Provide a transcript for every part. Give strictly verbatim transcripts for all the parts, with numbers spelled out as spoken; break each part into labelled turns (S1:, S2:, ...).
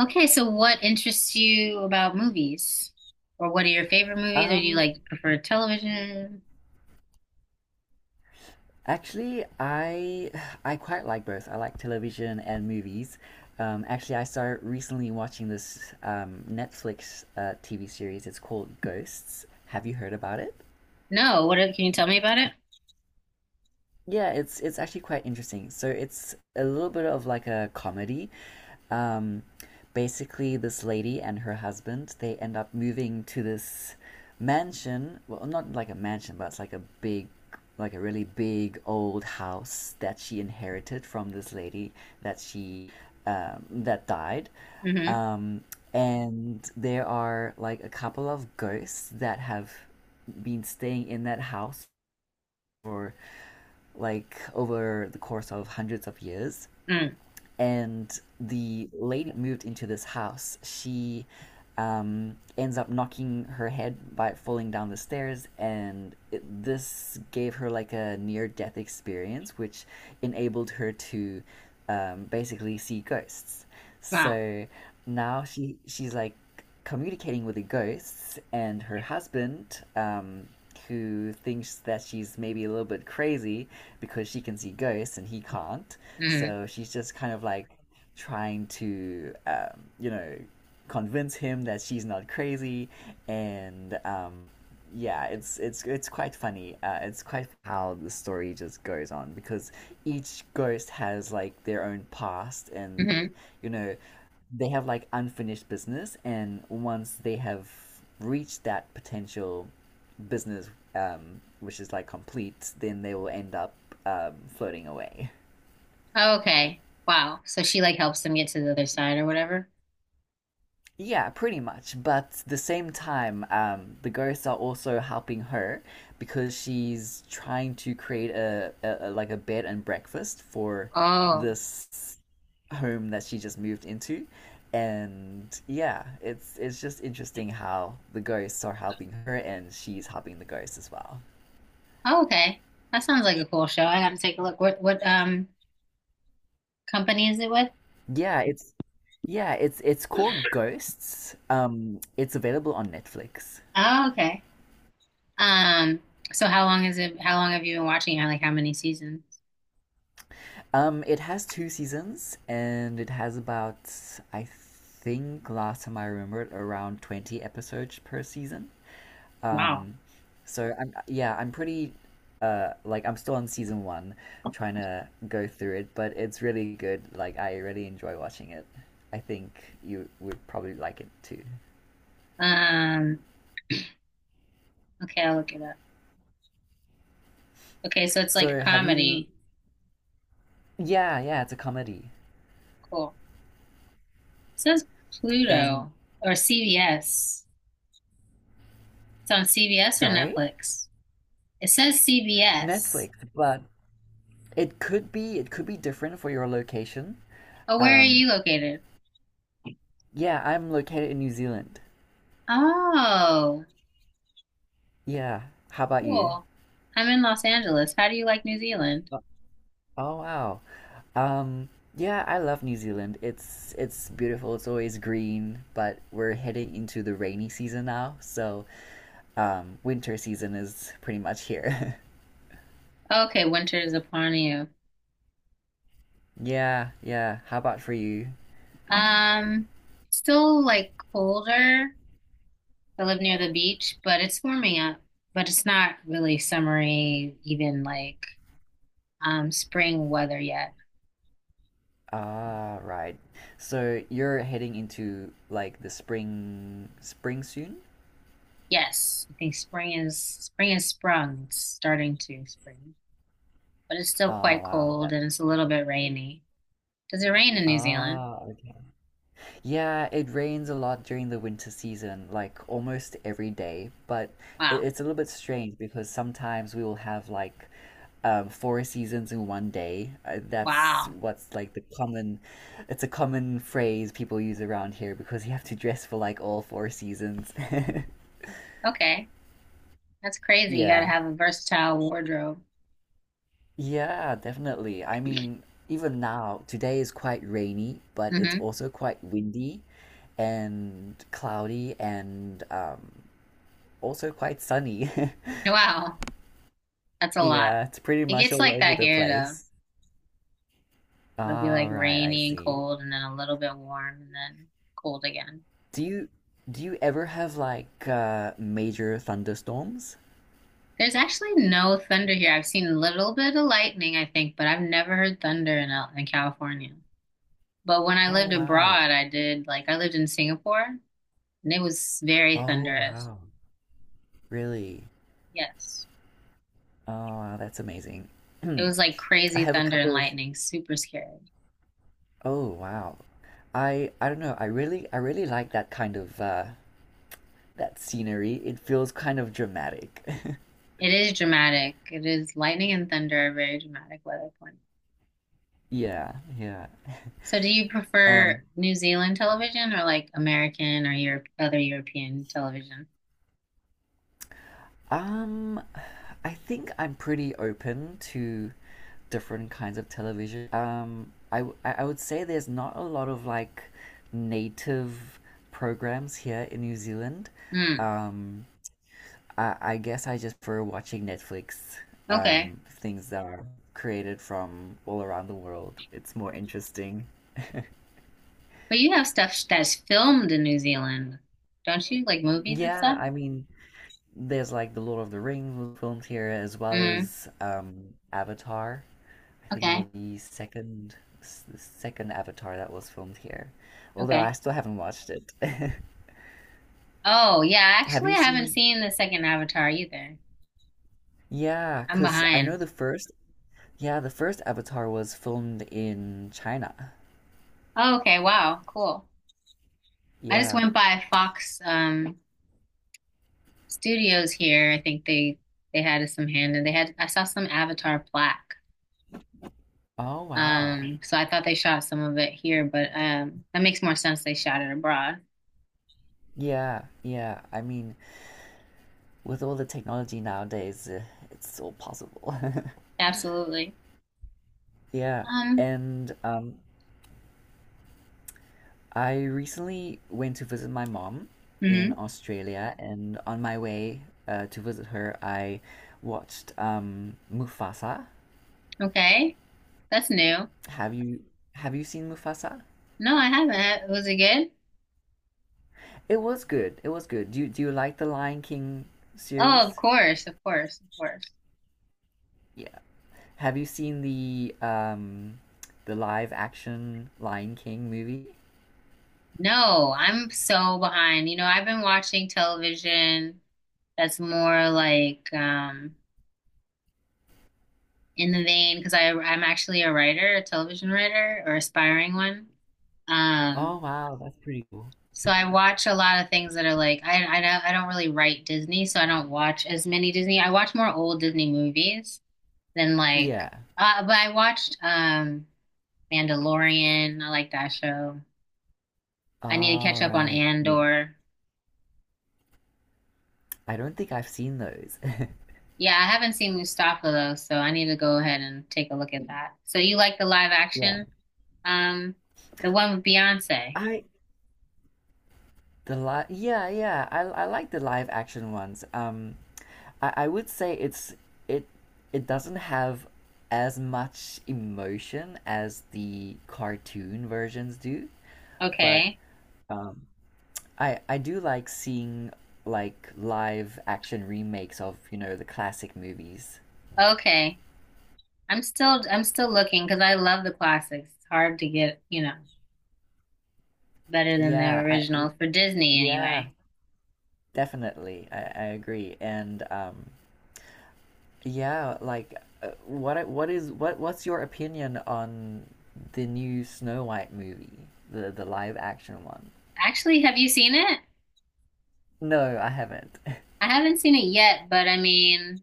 S1: Okay, so what interests you about movies? Or what are your favorite movies? Or do you
S2: Um,
S1: like prefer television?
S2: Actually, I I quite like both. I like television and movies. Um, actually, I started recently watching this um, Netflix uh, T V series. It's called Ghosts. Have you heard about it?
S1: No, what are, can you tell me about it?
S2: Yeah, it's it's actually quite interesting. So it's a little bit of like a comedy. Um, Basically, this lady and her husband they end up moving to this mansion. Well, not like a mansion, but it's like a big, like a really big old house that she inherited from this lady that she um, that died.
S1: Mm-hmm.
S2: Um, and there are like a couple of ghosts that have been staying in that house for like over the course of hundreds of years.
S1: Mm.
S2: And the lady moved into this house. She um, ends up knocking her head by falling down the stairs, and it, this gave her like a near death experience, which enabled her to um, basically see ghosts.
S1: Wow.
S2: So now she she's like communicating with the ghosts and her husband, um, who thinks that she's maybe a little bit crazy because she can see ghosts and he can't.
S1: Mm-hmm.
S2: So she's just kind of like trying to um, you know convince him that she's not crazy and um, yeah, it's it's it's quite funny. Uh, it's quite how the story just goes on because each ghost has like their own past and
S1: Mm-hmm.
S2: you know they have like unfinished business, and once they have reached that potential business um, which is like complete, then they will end up um, floating away.
S1: Okay. Wow. So she like helps them get to the other side or whatever.
S2: Yeah, pretty much. But the same time, um, the ghosts are also helping her because she's trying to create a, a, a like a bed and breakfast for
S1: Oh.
S2: this home that she just moved into. And yeah, it's it's just interesting how the ghosts are helping her and she's helping the ghosts as well.
S1: Oh, okay. That sounds like a cool show. I have to take a look. What what um company is it with?
S2: Yeah, it's yeah, it's it's called Ghosts. Um, it's available on Netflix.
S1: Oh, okay. Um, so how long is it how long have you been watching it? Like how many seasons?
S2: Um, it has two seasons, and it has about, I think, last time I remembered, around twenty episodes per season.
S1: Wow.
S2: Um, so I'm, yeah, I'm pretty, uh, like I'm still on season one, trying to go through it, but it's really good. Like I really enjoy watching it. I think you would probably like it too.
S1: Um, okay, I'll look it up. Okay, so it's like a
S2: So have you?
S1: comedy.
S2: Yeah, yeah, it's a comedy.
S1: Cool. It says
S2: And
S1: Pluto or C B S. It's on C B S or
S2: sorry,
S1: Netflix? It says C B S.
S2: Netflix, but it could be it could be different for your location.
S1: Oh, where are
S2: Um,
S1: you located?
S2: Yeah, I'm located in New Zealand.
S1: Oh,
S2: Yeah. How about you?
S1: cool. I'm in Los Angeles. How do you like New Zealand?
S2: Oh, oh, wow. Um, yeah, I love New Zealand. It's it's beautiful. It's always green, but we're heading into the rainy season now, so um, winter season is pretty much here.
S1: Okay, winter is upon you.
S2: Yeah, yeah. How about for you?
S1: Um, Still like colder. I live near the beach, but it's warming up. But it's not really summery, even like um spring weather yet.
S2: Ah, right. So you're heading into like the spring spring soon?
S1: Yes, I think spring is spring is sprung. It's starting to spring, but it's still
S2: Oh,
S1: quite
S2: wow.
S1: cold
S2: That.
S1: and it's a little bit rainy. Does it rain in New Zealand?
S2: Ah, yeah, it rains a lot during the winter season, like almost every day. But it,
S1: Wow.
S2: it's a little bit strange because sometimes we will have like um, four seasons in one day. Uh, that's
S1: Wow.
S2: what's like the common, It's a common phrase people use around here because you have to dress for like all four seasons.
S1: Okay. That's crazy. You gotta
S2: Yeah.
S1: have a versatile wardrobe.
S2: Yeah, definitely. I mean, even now, today is quite rainy, but it's
S1: Hmm.
S2: also quite windy and cloudy and um, also quite sunny.
S1: Wow. That's a lot.
S2: Yeah, it's pretty
S1: It
S2: much
S1: gets
S2: all
S1: like
S2: over
S1: that
S2: the
S1: here though.
S2: place.
S1: It'll be like
S2: All right, I
S1: rainy and
S2: see.
S1: cold and then a little bit warm and then cold again.
S2: Do you do you ever have like uh major thunderstorms?
S1: There's actually no thunder here. I've seen a little bit of lightning, I think, but I've never heard thunder in, Al- in California. But when I
S2: Oh
S1: lived
S2: wow.
S1: abroad, I did like I lived in Singapore and it was very
S2: Oh
S1: thunderous.
S2: wow. Really?
S1: Yes.
S2: Oh wow, that's amazing.
S1: It was
S2: I
S1: like crazy
S2: have a
S1: thunder and
S2: couple of
S1: lightning, super scary.
S2: oh wow. I I don't know. I really I really like that kind of uh that scenery. It feels kind of dramatic.
S1: It is dramatic. It is Lightning and thunder are very dramatic weather points.
S2: Yeah, yeah.
S1: So do you prefer
S2: Um
S1: New Zealand television or like American or Europe other European television?
S2: Um, I think I'm pretty open to different kinds of television. Um, I, w- I- I would say there's not a lot of like native programs here in New Zealand.
S1: Hmm.
S2: Um, I, I guess I just prefer watching Netflix,
S1: Okay.
S2: um, things that are created from all around the world. It's more interesting.
S1: But you have stuff that's filmed in New Zealand, don't you? Like movies and
S2: Yeah,
S1: stuff?
S2: I mean, there's like the Lord of the Rings was filmed here, as well
S1: Mm.
S2: as um, Avatar. I think it was
S1: Okay.
S2: the second the second Avatar that was filmed here. Although I
S1: Okay.
S2: still haven't watched it.
S1: Oh, yeah,
S2: Have
S1: actually,
S2: you
S1: I haven't
S2: seen?
S1: seen the second Avatar either.
S2: Yeah,
S1: I'm
S2: because I know
S1: behind.
S2: the first. Yeah, the first Avatar was filmed in China.
S1: Oh, okay, wow, cool. I just
S2: Yeah.
S1: went by Fox um Studios here. I think they they had some hand and they had I saw some Avatar plaque.
S2: Oh wow.
S1: Um, so I thought they shot some of it here, but um that makes more sense they shot it abroad.
S2: Yeah, yeah. I mean, with all the technology nowadays, uh, it's all possible.
S1: Absolutely.
S2: Yeah.
S1: Um,
S2: And um, I recently went to visit my mom
S1: hmm.
S2: in Australia, and on my way uh, to visit her, I watched um, Mufasa.
S1: Okay. That's new.
S2: Have you have you seen Mufasa?
S1: No, I haven't. Was it good?
S2: It was good. It was good. Do you, do you like the Lion King
S1: Oh, of
S2: series?
S1: course, of course, of course.
S2: Yeah. Have you seen the um, the live action Lion King movie?
S1: No, I'm so behind. You know, I've been watching television that's more like um in the vein because I I'm actually a writer, a television writer or aspiring one.
S2: Oh
S1: Um,
S2: wow, that's pretty cool.
S1: so I watch a lot of things that are like I I don't I don't really write Disney, so I don't watch as many Disney. I watch more old Disney movies than like
S2: Yeah.
S1: uh, but I watched um Mandalorian. I like that show. I need to catch
S2: All
S1: up on
S2: right. Yeah.
S1: Andor.
S2: I don't think I've seen those.
S1: Yeah, I haven't seen Mustafa though, so I need to go ahead and take a look at that. So you like the live
S2: Yeah.
S1: action? Um, the one with Beyonce.
S2: I The live, yeah, yeah. I I like the live action ones. Um, I I would say it's it it doesn't have as much emotion as the cartoon versions do, but
S1: Okay.
S2: um, I I do like seeing like live action remakes of, you know, the classic movies.
S1: Okay. I'm still I'm still looking because I love the classics. It's hard to get, you know, better than the
S2: Yeah, I
S1: original
S2: y-
S1: for Disney
S2: yeah,
S1: anyway.
S2: definitely. I I agree. And um yeah, like uh, what I- what is what what's your opinion on the new Snow White movie? The the live action one.
S1: Actually, have you seen it?
S2: No, I haven't.
S1: I haven't seen it yet, but I mean,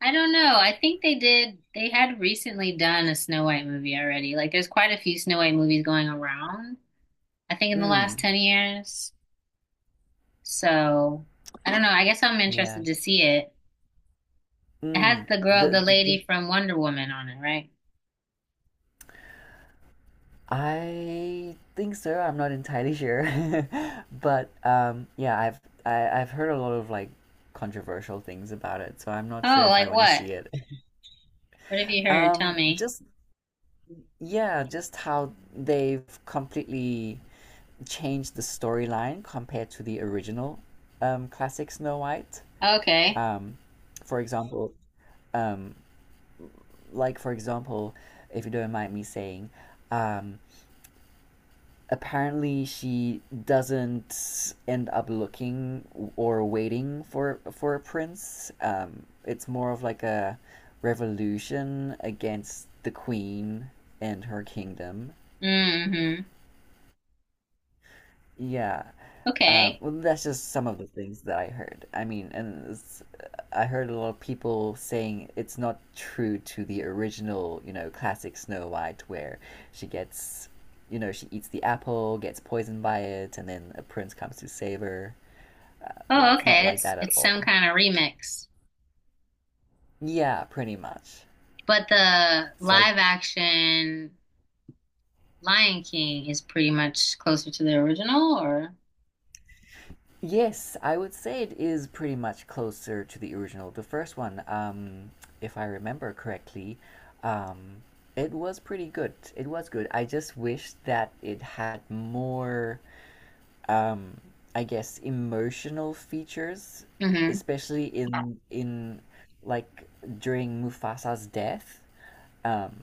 S1: I don't know. I think they did they had recently done a Snow White movie already. Like there's quite a few Snow White movies going around, I think in the last
S2: Mm,
S1: ten years. So I don't know. I guess I'm
S2: yeah.
S1: interested to see it. It has
S2: Mm.
S1: the girl,
S2: The,
S1: the
S2: the
S1: lady
S2: the
S1: from Wonder Woman on it, right?
S2: I think so. I'm not entirely sure. But um yeah, I've I, I've heard a lot of like controversial things about it, so I'm not
S1: Oh,
S2: sure if I
S1: like
S2: want to
S1: what?
S2: see it.
S1: What have you heard? Tell
S2: Um
S1: me.
S2: just yeah, just how they've completely changed the storyline compared to the original um, classic Snow White.
S1: Okay.
S2: Um, for example, um, like for example, if you don't mind me saying, um, apparently she doesn't end up looking or waiting for for a prince. Um, it's more of like a revolution against the queen and her kingdom.
S1: Mm-hmm.
S2: Yeah. Um,
S1: Okay.
S2: well, that's just some of the things that I heard. I mean, and it's, I heard a lot of people saying it's not true to the original, you know, classic Snow White, where she gets, you know, she eats the apple, gets poisoned by it, and then a prince comes to save her. Uh, yeah,
S1: Oh,
S2: it's not
S1: okay.
S2: like
S1: It's
S2: that at
S1: it's some
S2: all.
S1: kind of remix.
S2: Yeah, pretty much.
S1: But the
S2: It's like
S1: live action Lion King is pretty much closer to the original or?
S2: yes, I would say it is pretty much closer to the original. The first one, um, if I remember correctly, um, it was pretty good. It was good. I just wish that it had more, um, I guess, emotional features,
S1: Mm-hmm.
S2: especially in in like during Mufasa's death. Um,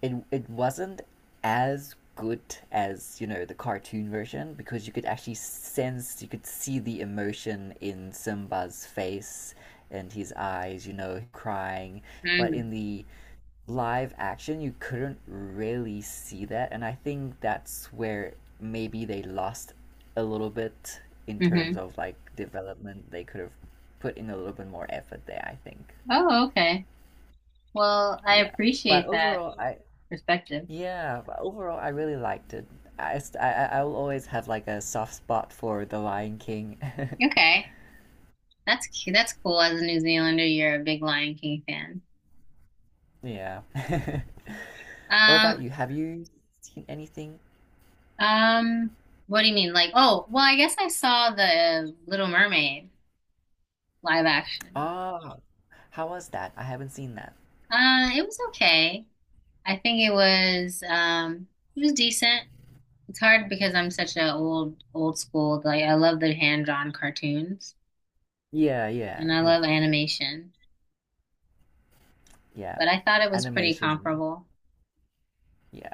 S2: it it wasn't as good as you know the cartoon version, because you could actually sense you could see the emotion in Simba's face and his eyes you know crying, but
S1: Mm-hmm.
S2: in the live action you couldn't really see that, and I think that's where maybe they lost a little bit in
S1: Mm-hmm.
S2: terms of like development. They could have put in a little bit more effort there, I think.
S1: Oh, okay. Well, I
S2: yeah but
S1: appreciate that
S2: overall I
S1: perspective.
S2: yeah, but overall, I really liked it. I, st- I, I I will always have like a soft spot for The Lion King.
S1: Okay. That's cute. That's cool. As a New Zealander, you're a big Lion King fan.
S2: Yeah. What
S1: Um,
S2: about you? Have you seen anything?
S1: um, what do you mean? Like, oh, well, I guess I saw the Little Mermaid live action.
S2: Ah, how was that? I haven't seen that.
S1: Uh, it was okay. I think it was um it was decent. It's hard because I'm such a old old school, like I love the hand-drawn cartoons
S2: Yeah, yeah,
S1: and I
S2: yeah,
S1: love animation,
S2: yeah.
S1: but I thought it was pretty
S2: Animation.
S1: comparable.
S2: Yeah,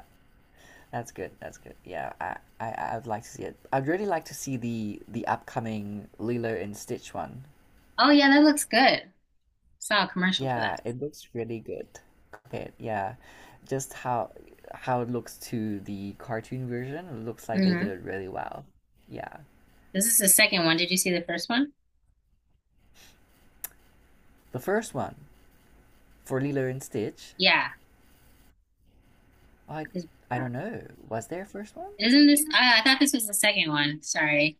S2: that's good. That's good. Yeah, I, I, I'd like to see it. I'd really like to see the the upcoming Lilo and Stitch one.
S1: Oh yeah, that looks good. Saw a commercial for
S2: Yeah,
S1: that.
S2: it looks really good. Compared, yeah, just how how it looks to the cartoon version, it looks like they did
S1: Hmm.
S2: it really well. Yeah,
S1: This is the second one. Did you see the first one?
S2: the first one for Lilo and Stitch,
S1: Yeah.
S2: I
S1: Isn't
S2: I don't know, was there a first one?
S1: this? I, I thought this was the second one. Sorry.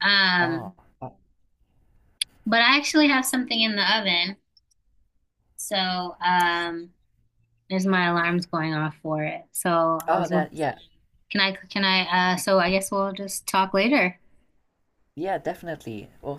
S1: Um,
S2: Oh, oh,
S1: but I actually have something in the oven, so um, there's my alarms going off for it. So I
S2: oh,
S1: was,
S2: that yeah,
S1: can I, can I? Uh, so I guess we'll just talk later.
S2: yeah, definitely. Well,